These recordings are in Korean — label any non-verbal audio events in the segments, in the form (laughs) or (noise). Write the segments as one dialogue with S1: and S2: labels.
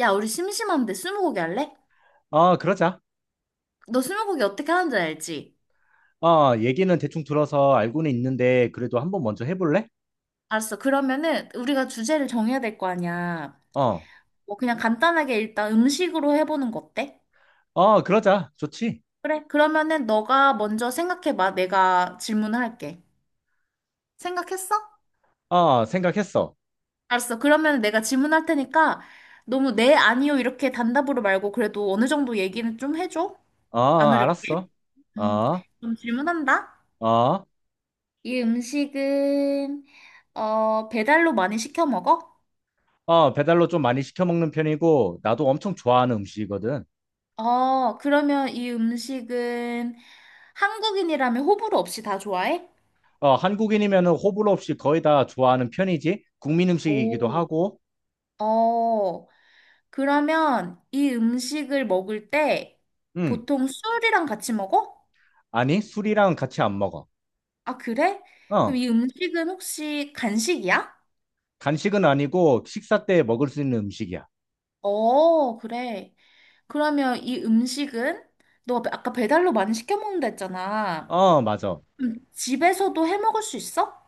S1: 야, 우리 심심한데 스무고개 할래?
S2: 어, 그러자.
S1: 너 스무고개 어떻게 하는지 알지?
S2: 어, 얘기는 대충 들어서 알고는 있는데, 그래도 한번 먼저 해볼래?
S1: 알았어. 그러면은 우리가 주제를 정해야 될 거 아니야.
S2: 어,
S1: 뭐 그냥 간단하게 일단 음식으로 해보는 거 어때?
S2: 어, 그러자. 좋지.
S1: 그래. 그러면은 너가 먼저 생각해봐. 내가 질문을 할게. 생각했어?
S2: 어, 생각했어.
S1: 알았어. 그러면 내가 질문할 테니까 너무 네, 아니요 이렇게 단답으로 말고 그래도 어느 정도 얘기는 좀 해줘.
S2: 어,
S1: 안 어렵게.
S2: 알았어.
S1: 음.
S2: 어,
S1: 그럼 질문한다.
S2: 어,
S1: 이 음식은 배달로 많이 시켜 먹어?
S2: 어, 배달로 좀 많이 시켜 먹는 편이고, 나도 엄청 좋아하는 음식이거든.
S1: 어, 그러면 이 음식은 한국인이라면 호불호 없이 다 좋아해?
S2: 어, 한국인이면 호불호 없이 거의 다 좋아하는 편이지. 국민 음식이기도
S1: 오.
S2: 하고,
S1: 어, 그러면 이 음식을 먹을 때
S2: 음,
S1: 보통 술이랑 같이 먹어?
S2: 아니, 술이랑 같이 안 먹어.
S1: 아, 그래? 그럼
S2: 어,
S1: 이 음식은 혹시 간식이야?
S2: 간식은 아니고, 식사 때 먹을 수 있는 음식이야.
S1: 어, 그래. 그러면 이 음식은 너 아까 배달로 많이 시켜 먹는다 했잖아.
S2: 어, 맞아.
S1: 그럼 집에서도 해 먹을 수 있어?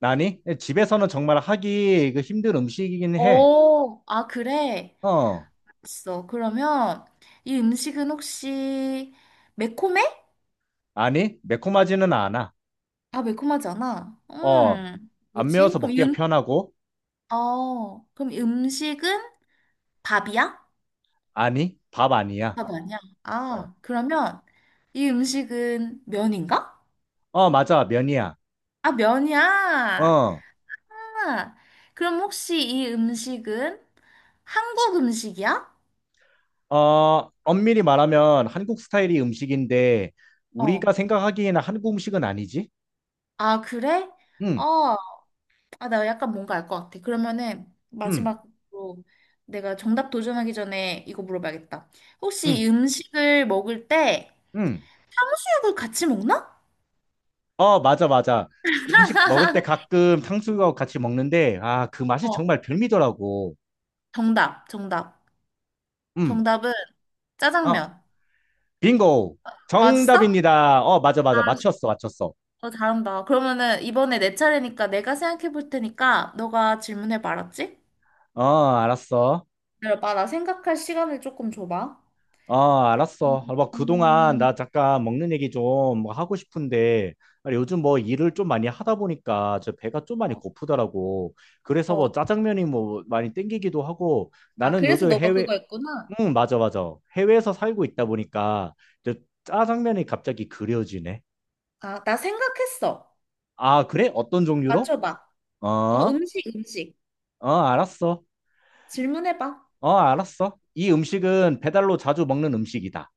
S2: 아니, 집에서는 정말 하기 힘든 음식이긴 해.
S1: 어, 아, 그래.
S2: 어,
S1: 있어. 그러면 이 음식은 혹시 매콤해?
S2: 아니, 매콤하지는 않아.
S1: 아, 매콤하지 않아
S2: 어, 안
S1: 뭐지?
S2: 매워서
S1: 그럼 이
S2: 먹기가 편하고,
S1: 어, 그럼 이 음식은 밥이야?
S2: 아니, 밥 아니야.
S1: 밥 아니야?
S2: 어,
S1: 아, 그러면 이 음식은 면인가?
S2: 어, 맞아, 면이야.
S1: 아, 면이야.
S2: 어,
S1: 아, 그럼 혹시 이 음식은 한국 음식이야?
S2: 어, 엄밀히 말하면 한국 스타일이 음식인데,
S1: 어.
S2: 우리가 생각하기에는 한국 음식은 아니지?
S1: 아, 그래?
S2: 응,
S1: 어, 아, 나 약간 뭔가 알 것 같아. 그러면은
S2: 응,
S1: 마지막으로 내가 정답 도전하기 전에 이거 물어봐야겠다. 혹시
S2: 응,
S1: 이 음식을 먹을 때
S2: 응.
S1: 수육을 같이 먹나?
S2: 어, 맞아, 맞아. 그 음식 먹을 때 가끔 탕수육하고 같이 먹는데, 아, 그 맛이
S1: 어,
S2: 정말 별미더라고.
S1: 정답, 정답.
S2: 응,
S1: 정답은
S2: 어.
S1: 짜장면.
S2: 빙고.
S1: 맞았어?
S2: 정답입니다. 어, 맞아, 맞아.
S1: 알았어,
S2: 맞췄어, 맞췄어.
S1: 어, 잘한다. 그러면은 이번에 내 차례니까 내가 생각해 볼 테니까 너가 질문해 봐, 알았지?
S2: 어, 알았어.
S1: 기다려봐, 나 생각할 시간을 조금 줘봐.
S2: 어, 알았어. 아, 뭐, 그동안
S1: 음,
S2: 나 잠깐 먹는 얘기 좀뭐 하고 싶은데, 아니, 요즘 뭐 일을 좀 많이 하다 보니까 저 배가 좀 많이
S1: 어,
S2: 고프더라고. 그래서 뭐
S1: 어.
S2: 짜장면이 뭐 많이 땡기기도 하고,
S1: 아,
S2: 나는
S1: 그래서
S2: 요즘
S1: 너가
S2: 해외,
S1: 그거 했구나.
S2: 응, 맞아, 맞아. 해외에서 살고 있다 보니까 저 짜장면이 갑자기 그려지네.
S1: 아, 나 생각했어.
S2: 아, 그래? 어떤 종류로?
S1: 맞춰봐. 어,
S2: 어,
S1: 음식, 음식.
S2: 어, 알았어.
S1: 질문해봐.
S2: 어, 알았어. 이 음식은 배달로 자주 먹는 음식이다.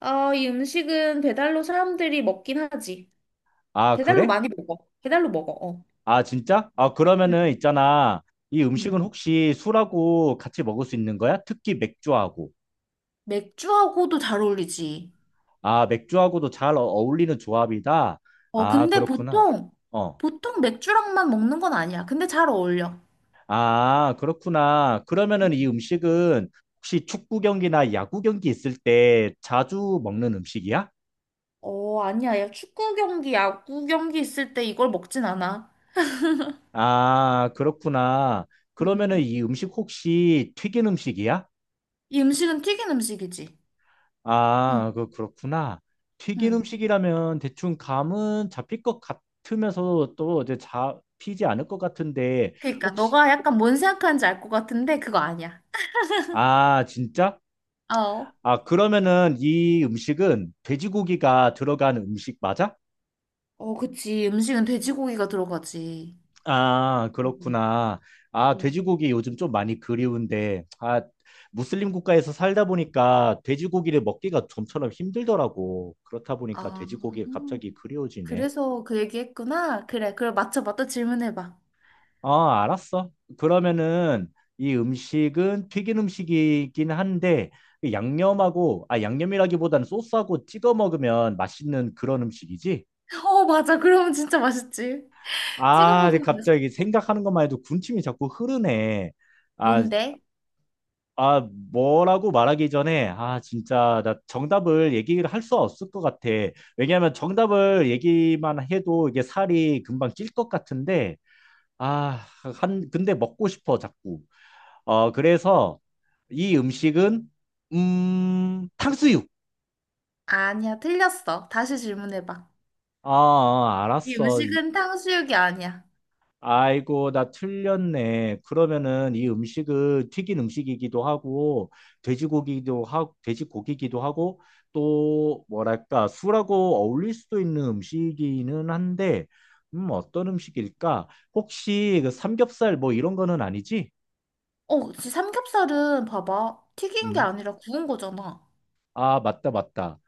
S1: 어, 이 음식은 배달로 사람들이 먹긴 하지.
S2: 아,
S1: 배달로
S2: 그래?
S1: 많이 먹어. 배달로 먹어, 어.
S2: 아, 진짜? 아, 그러면은
S1: 음,
S2: 있잖아. 이 음식은
S1: 음.
S2: 혹시 술하고 같이 먹을 수 있는 거야? 특히 맥주하고.
S1: 맥주하고도 잘 어울리지.
S2: 아, 맥주하고도 어울리는 조합이다.
S1: 어,
S2: 아,
S1: 근데
S2: 그렇구나.
S1: 보통,
S2: 어.
S1: 보통 맥주랑만 먹는 건 아니야. 근데 잘 어울려.
S2: 아, 그렇구나. 그러면은 이 음식은 혹시 축구 경기나 야구 경기 있을 때 자주 먹는 음식이야?
S1: 어, 아니야. 야, 축구 경기, 야구 경기 있을 때 이걸 먹진 않아.
S2: 아, 그렇구나. 그러면은
S1: 음.
S2: 이 음식 혹시 튀긴 음식이야?
S1: 이 음식은 튀긴 음식이지. 응,
S2: 아, 그렇구나. 튀긴
S1: 응
S2: 음식이라면 대충 감은 잡힐 것 같으면서 또 이제 잡히지 않을 것 같은데
S1: 그러니까
S2: 혹시
S1: 너가 약간 뭔 생각하는지 알 것 같은데 그거 아니야.
S2: 아, 진짜?
S1: 어.
S2: 아, 그러면은 이 음식은 돼지고기가 들어간 음식 맞아?
S1: 어, 그치. 음식은 돼지고기가 들어가지.
S2: 아,
S1: 음,
S2: 그렇구나. 아,
S1: 음.
S2: 돼지고기 요즘 좀 많이 그리운데 아, 무슬림 국가에서 살다 보니까 돼지고기를 먹기가 좀처럼 힘들더라고. 그렇다 보니까
S1: 아,
S2: 돼지고기가 갑자기 그리워지네.
S1: 그래서 그 얘기했구나. 그래, 그럼 맞춰봐. 또 질문해봐.
S2: 아, 알았어. 그러면은 이 음식은 튀긴 음식이긴 한데 그 양념하고 아 양념이라기보다는 소스하고 찍어 먹으면 맛있는 그런 음식이지?
S1: 어, 맞아. 그러면 진짜 맛있지. 찍어
S2: 아, 근데
S1: 먹으면
S2: 갑자기
S1: 맛있고.
S2: 생각하는 것만 해도 군침이 자꾸 흐르네. 아,
S1: 뭔데?
S2: 아 뭐라고 말하기 전에 아 진짜 나 정답을 얘기를 할 수 없을 것 같아. 왜냐하면 정답을 얘기만 해도 이게 살이 금방 찔 것 같은데 아, 한 근데 먹고 싶어 자꾸. 어, 그래서 이 음식은 탕수육.
S1: 아니야, 틀렸어. 다시 질문해봐.
S2: 아, 아,
S1: 이
S2: 알았어.
S1: 음식은 탕수육이 아니야.
S2: 아이고, 나 틀렸네. 그러면은 이 음식은 튀긴 음식이기도 하고 돼지고기도 하고 돼지고기기도 하고 또 뭐랄까 술하고 어울릴 수도 있는 음식이기는 한데 어떤 음식일까? 혹시 그 삼겹살 뭐 이런 거는 아니지?
S1: 어, 그치. 삼겹살은 봐봐. 튀긴 게
S2: 음.
S1: 아니라 구운 거잖아.
S2: 아, 맞다, 맞다.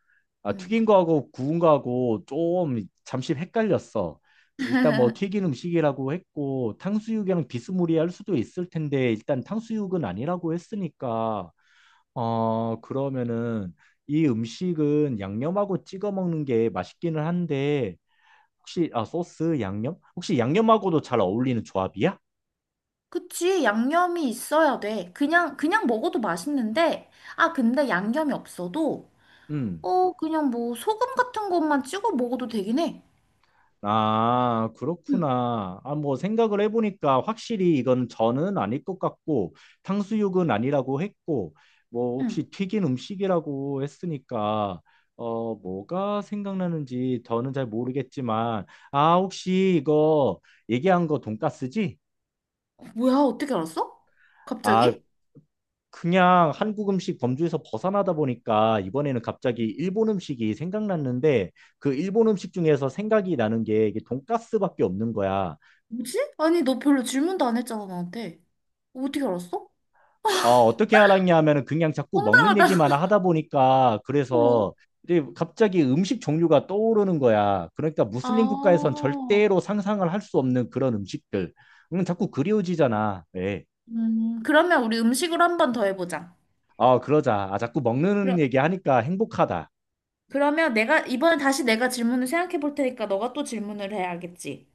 S2: 아,
S1: 응.
S2: 튀긴 거하고 구운 거하고 좀 잠시 헷갈렸어. 일단 뭐 튀긴 음식이라고 했고 탕수육이랑 비스무리할 수도 있을 텐데 일단 탕수육은 아니라고 했으니까 어 그러면은 이 음식은 양념하고 찍어 먹는 게 맛있기는 한데 혹시 아 소스 양념? 혹시 양념하고도 잘 어울리는 조합이야?
S1: 그치. 양념이 있어야 돼. 그냥 먹어도 맛있는데, 아, 근데 양념이 없어도
S2: 음.
S1: 그냥 뭐 소금 같은 것만 찍어 먹어도 되긴 해.
S2: 아,
S1: 응,
S2: 그렇구나. 아, 뭐 생각을 해보니까 확실히 이건 저는 아닐 것 같고 탕수육은 아니라고 했고 뭐
S1: 응.
S2: 혹시 튀긴 음식이라고 했으니까 어 뭐가 생각나는지 저는 잘 모르겠지만 아 혹시 이거 얘기한 거 돈까스지?
S1: 뭐야, 어떻게 알았어?
S2: 아
S1: 갑자기?
S2: 그냥 한국 음식 범주에서 벗어나다 보니까 이번에는 갑자기 일본 음식이 생각났는데 그 일본 음식 중에서 생각이 나는 게 이게 돈까스밖에 없는 거야.
S1: 뭐지? 아니, 너 별로 질문도 안 했잖아, 나한테. 어떻게 알았어?
S2: 어, 어떻게 알았냐 하면은 그냥 자꾸 먹는
S1: 황당하다.
S2: 얘기만
S1: (laughs)
S2: 하다 보니까
S1: 어.
S2: 그래서 이제 갑자기 음식 종류가 떠오르는 거야. 그러니까 무슬림 국가에선
S1: 아,
S2: 절대로 상상을 할 수 없는 그런 음식들. 자꾸 그리워지잖아. 예.
S1: 그러면 우리 음식으로 한 번 더 해보자.
S2: 어, 그러자. 아, 자꾸 먹는
S1: 그럼,
S2: 얘기 하니까 행복하다.
S1: 그러면 내가, 이번에 다시 내가 질문을 생각해 볼 테니까 너가 또 질문을 해야겠지.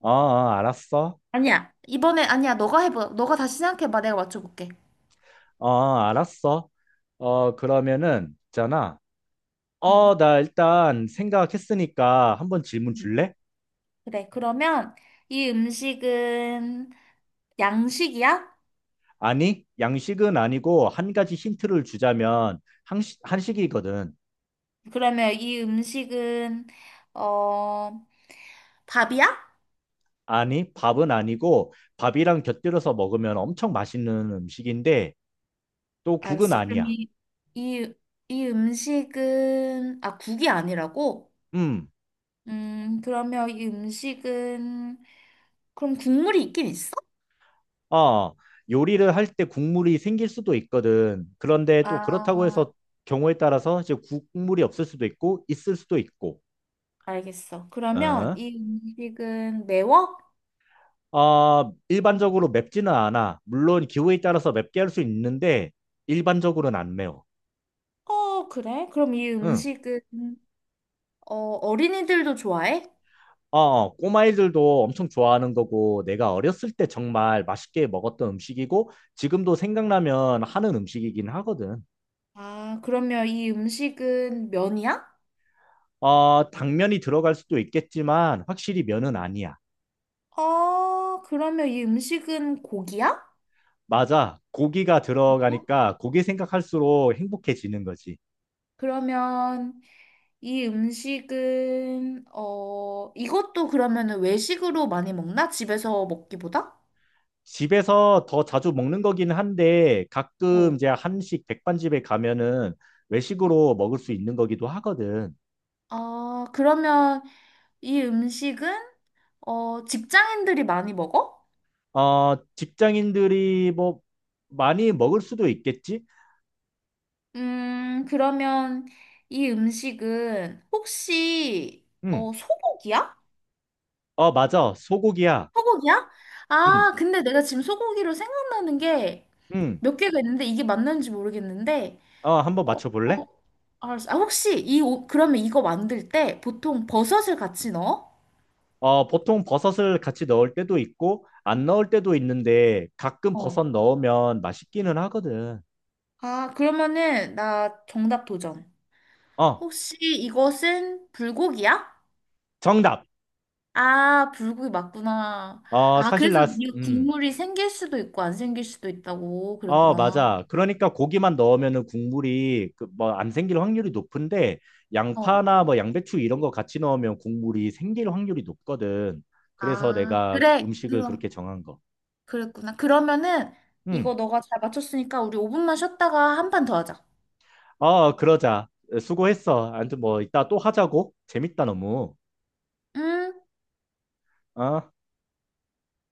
S2: 어, 어, 알았어.
S1: 아니야, 이번에, 아니야, 너가 해봐. 너가 다시 생각해봐. 내가 맞춰볼게.
S2: 어, 알았어. 어, 그러면은 있잖아. 어,
S1: 응.
S2: 나 일단 생각했으니까 한번 질문
S1: 응.
S2: 줄래?
S1: 그래, 그러면 이 음식은 양식이야?
S2: 아니, 양식은 아니고 한 가지 힌트를 주자면 한식이거든.
S1: 그러면 이 음식은 어 밥이야?
S2: 아니, 밥은 아니고 밥이랑 곁들여서 먹으면 엄청 맛있는 음식인데 또 국은
S1: 알았어. 그럼
S2: 아니야.
S1: 이, 이 음식은 아 국이 아니라고?
S2: 음,
S1: 그러면 이 음식은 그럼 국물이 있긴 있어?
S2: 어, 요리를 할 때 국물이 생길 수도 있거든. 그런데 또 그렇다고
S1: 아
S2: 해서 경우에 따라서 이제 국물이 없을 수도 있고 있을 수도 있고.
S1: 알겠어. 그러면
S2: 어,
S1: 이 음식은 매워?
S2: 어, 일반적으로 맵지는 않아. 물론 기호에 따라서 맵게 할 수 있는데 일반적으로는 안 매워.
S1: 어 그래? 그럼 이
S2: 응.
S1: 음식은 어 어린이들도 좋아해?
S2: 어, 어, 꼬마애들도 엄청 좋아하는 거고, 내가 어렸을 때 정말 맛있게 먹었던 음식이고, 지금도 생각나면 하는 음식이긴 하거든.
S1: 아 그러면 이 음식은 면이야?
S2: 어, 당면이 들어갈 수도 있겠지만, 확실히 면은 아니야.
S1: 어, 그러면 이 음식은 고기야?
S2: 맞아. 고기가 들어가니까 고기 생각할수록 행복해지는 거지.
S1: 그러면 이 음식은, 어, 이것도 그러면은 외식으로 많이 먹나? 집에서 먹기보다?
S2: 집에서 더 자주 먹는 거긴 한데,
S1: 어.
S2: 가끔 이제 한식 백반집에 가면은 외식으로 먹을 수 있는 거기도 하거든.
S1: 아, 그러면 이 음식은, 어, 직장인들이 많이 먹어?
S2: 어, 직장인들이 뭐 많이 먹을 수도 있겠지?
S1: 그러면 이 음식은 혹시,
S2: 음.
S1: 어, 소고기야?
S2: 어, 맞아. 소고기야.
S1: 소고기야?
S2: 음.
S1: 아, 근데 내가 지금 소고기로 생각나는 게
S2: 음.
S1: 몇 개가 있는데 이게 맞는지 모르겠는데
S2: 어, 한번
S1: 어, 어,
S2: 맞춰볼래?
S1: 알았어. 아, 혹시 이 옷, 그러면 이거 만들 때 보통 버섯을 같이 넣어?
S2: 어, 보통 버섯을 같이 넣을 때도 있고, 안 넣을 때도 있는데, 가끔
S1: 어.
S2: 버섯 넣으면 맛있기는 하거든.
S1: 아, 그러면은 나 정답 도전.
S2: 어,
S1: 혹시 이것은 불고기야?
S2: 정답.
S1: 아, 불고기 맞구나.
S2: 어,
S1: 아,
S2: 사실
S1: 그래서
S2: 나,
S1: 이
S2: 음.
S1: 국물이 생길 수도 있고 안 생길 수도 있다고
S2: 어,
S1: 그랬구나.
S2: 맞아. 그러니까 고기만 넣으면은 국물이 안 생길 확률이 높은데,
S1: 어.
S2: 양파나 뭐 양배추 이런 거 같이 넣으면 국물이 생길 확률이 높거든. 그래서
S1: 아,
S2: 내가
S1: 그래.
S2: 음식을
S1: 그럼,
S2: 그렇게 정한 거.
S1: 그랬구나. 그러면은 이거
S2: 음.
S1: 너가 잘 맞췄으니까 우리 5분만 쉬었다가 한 판 더 하자.
S2: 어, 그러자. 수고했어. 아무튼 뭐 이따 또 하자고. 재밌다, 너무.
S1: 음.
S2: 어?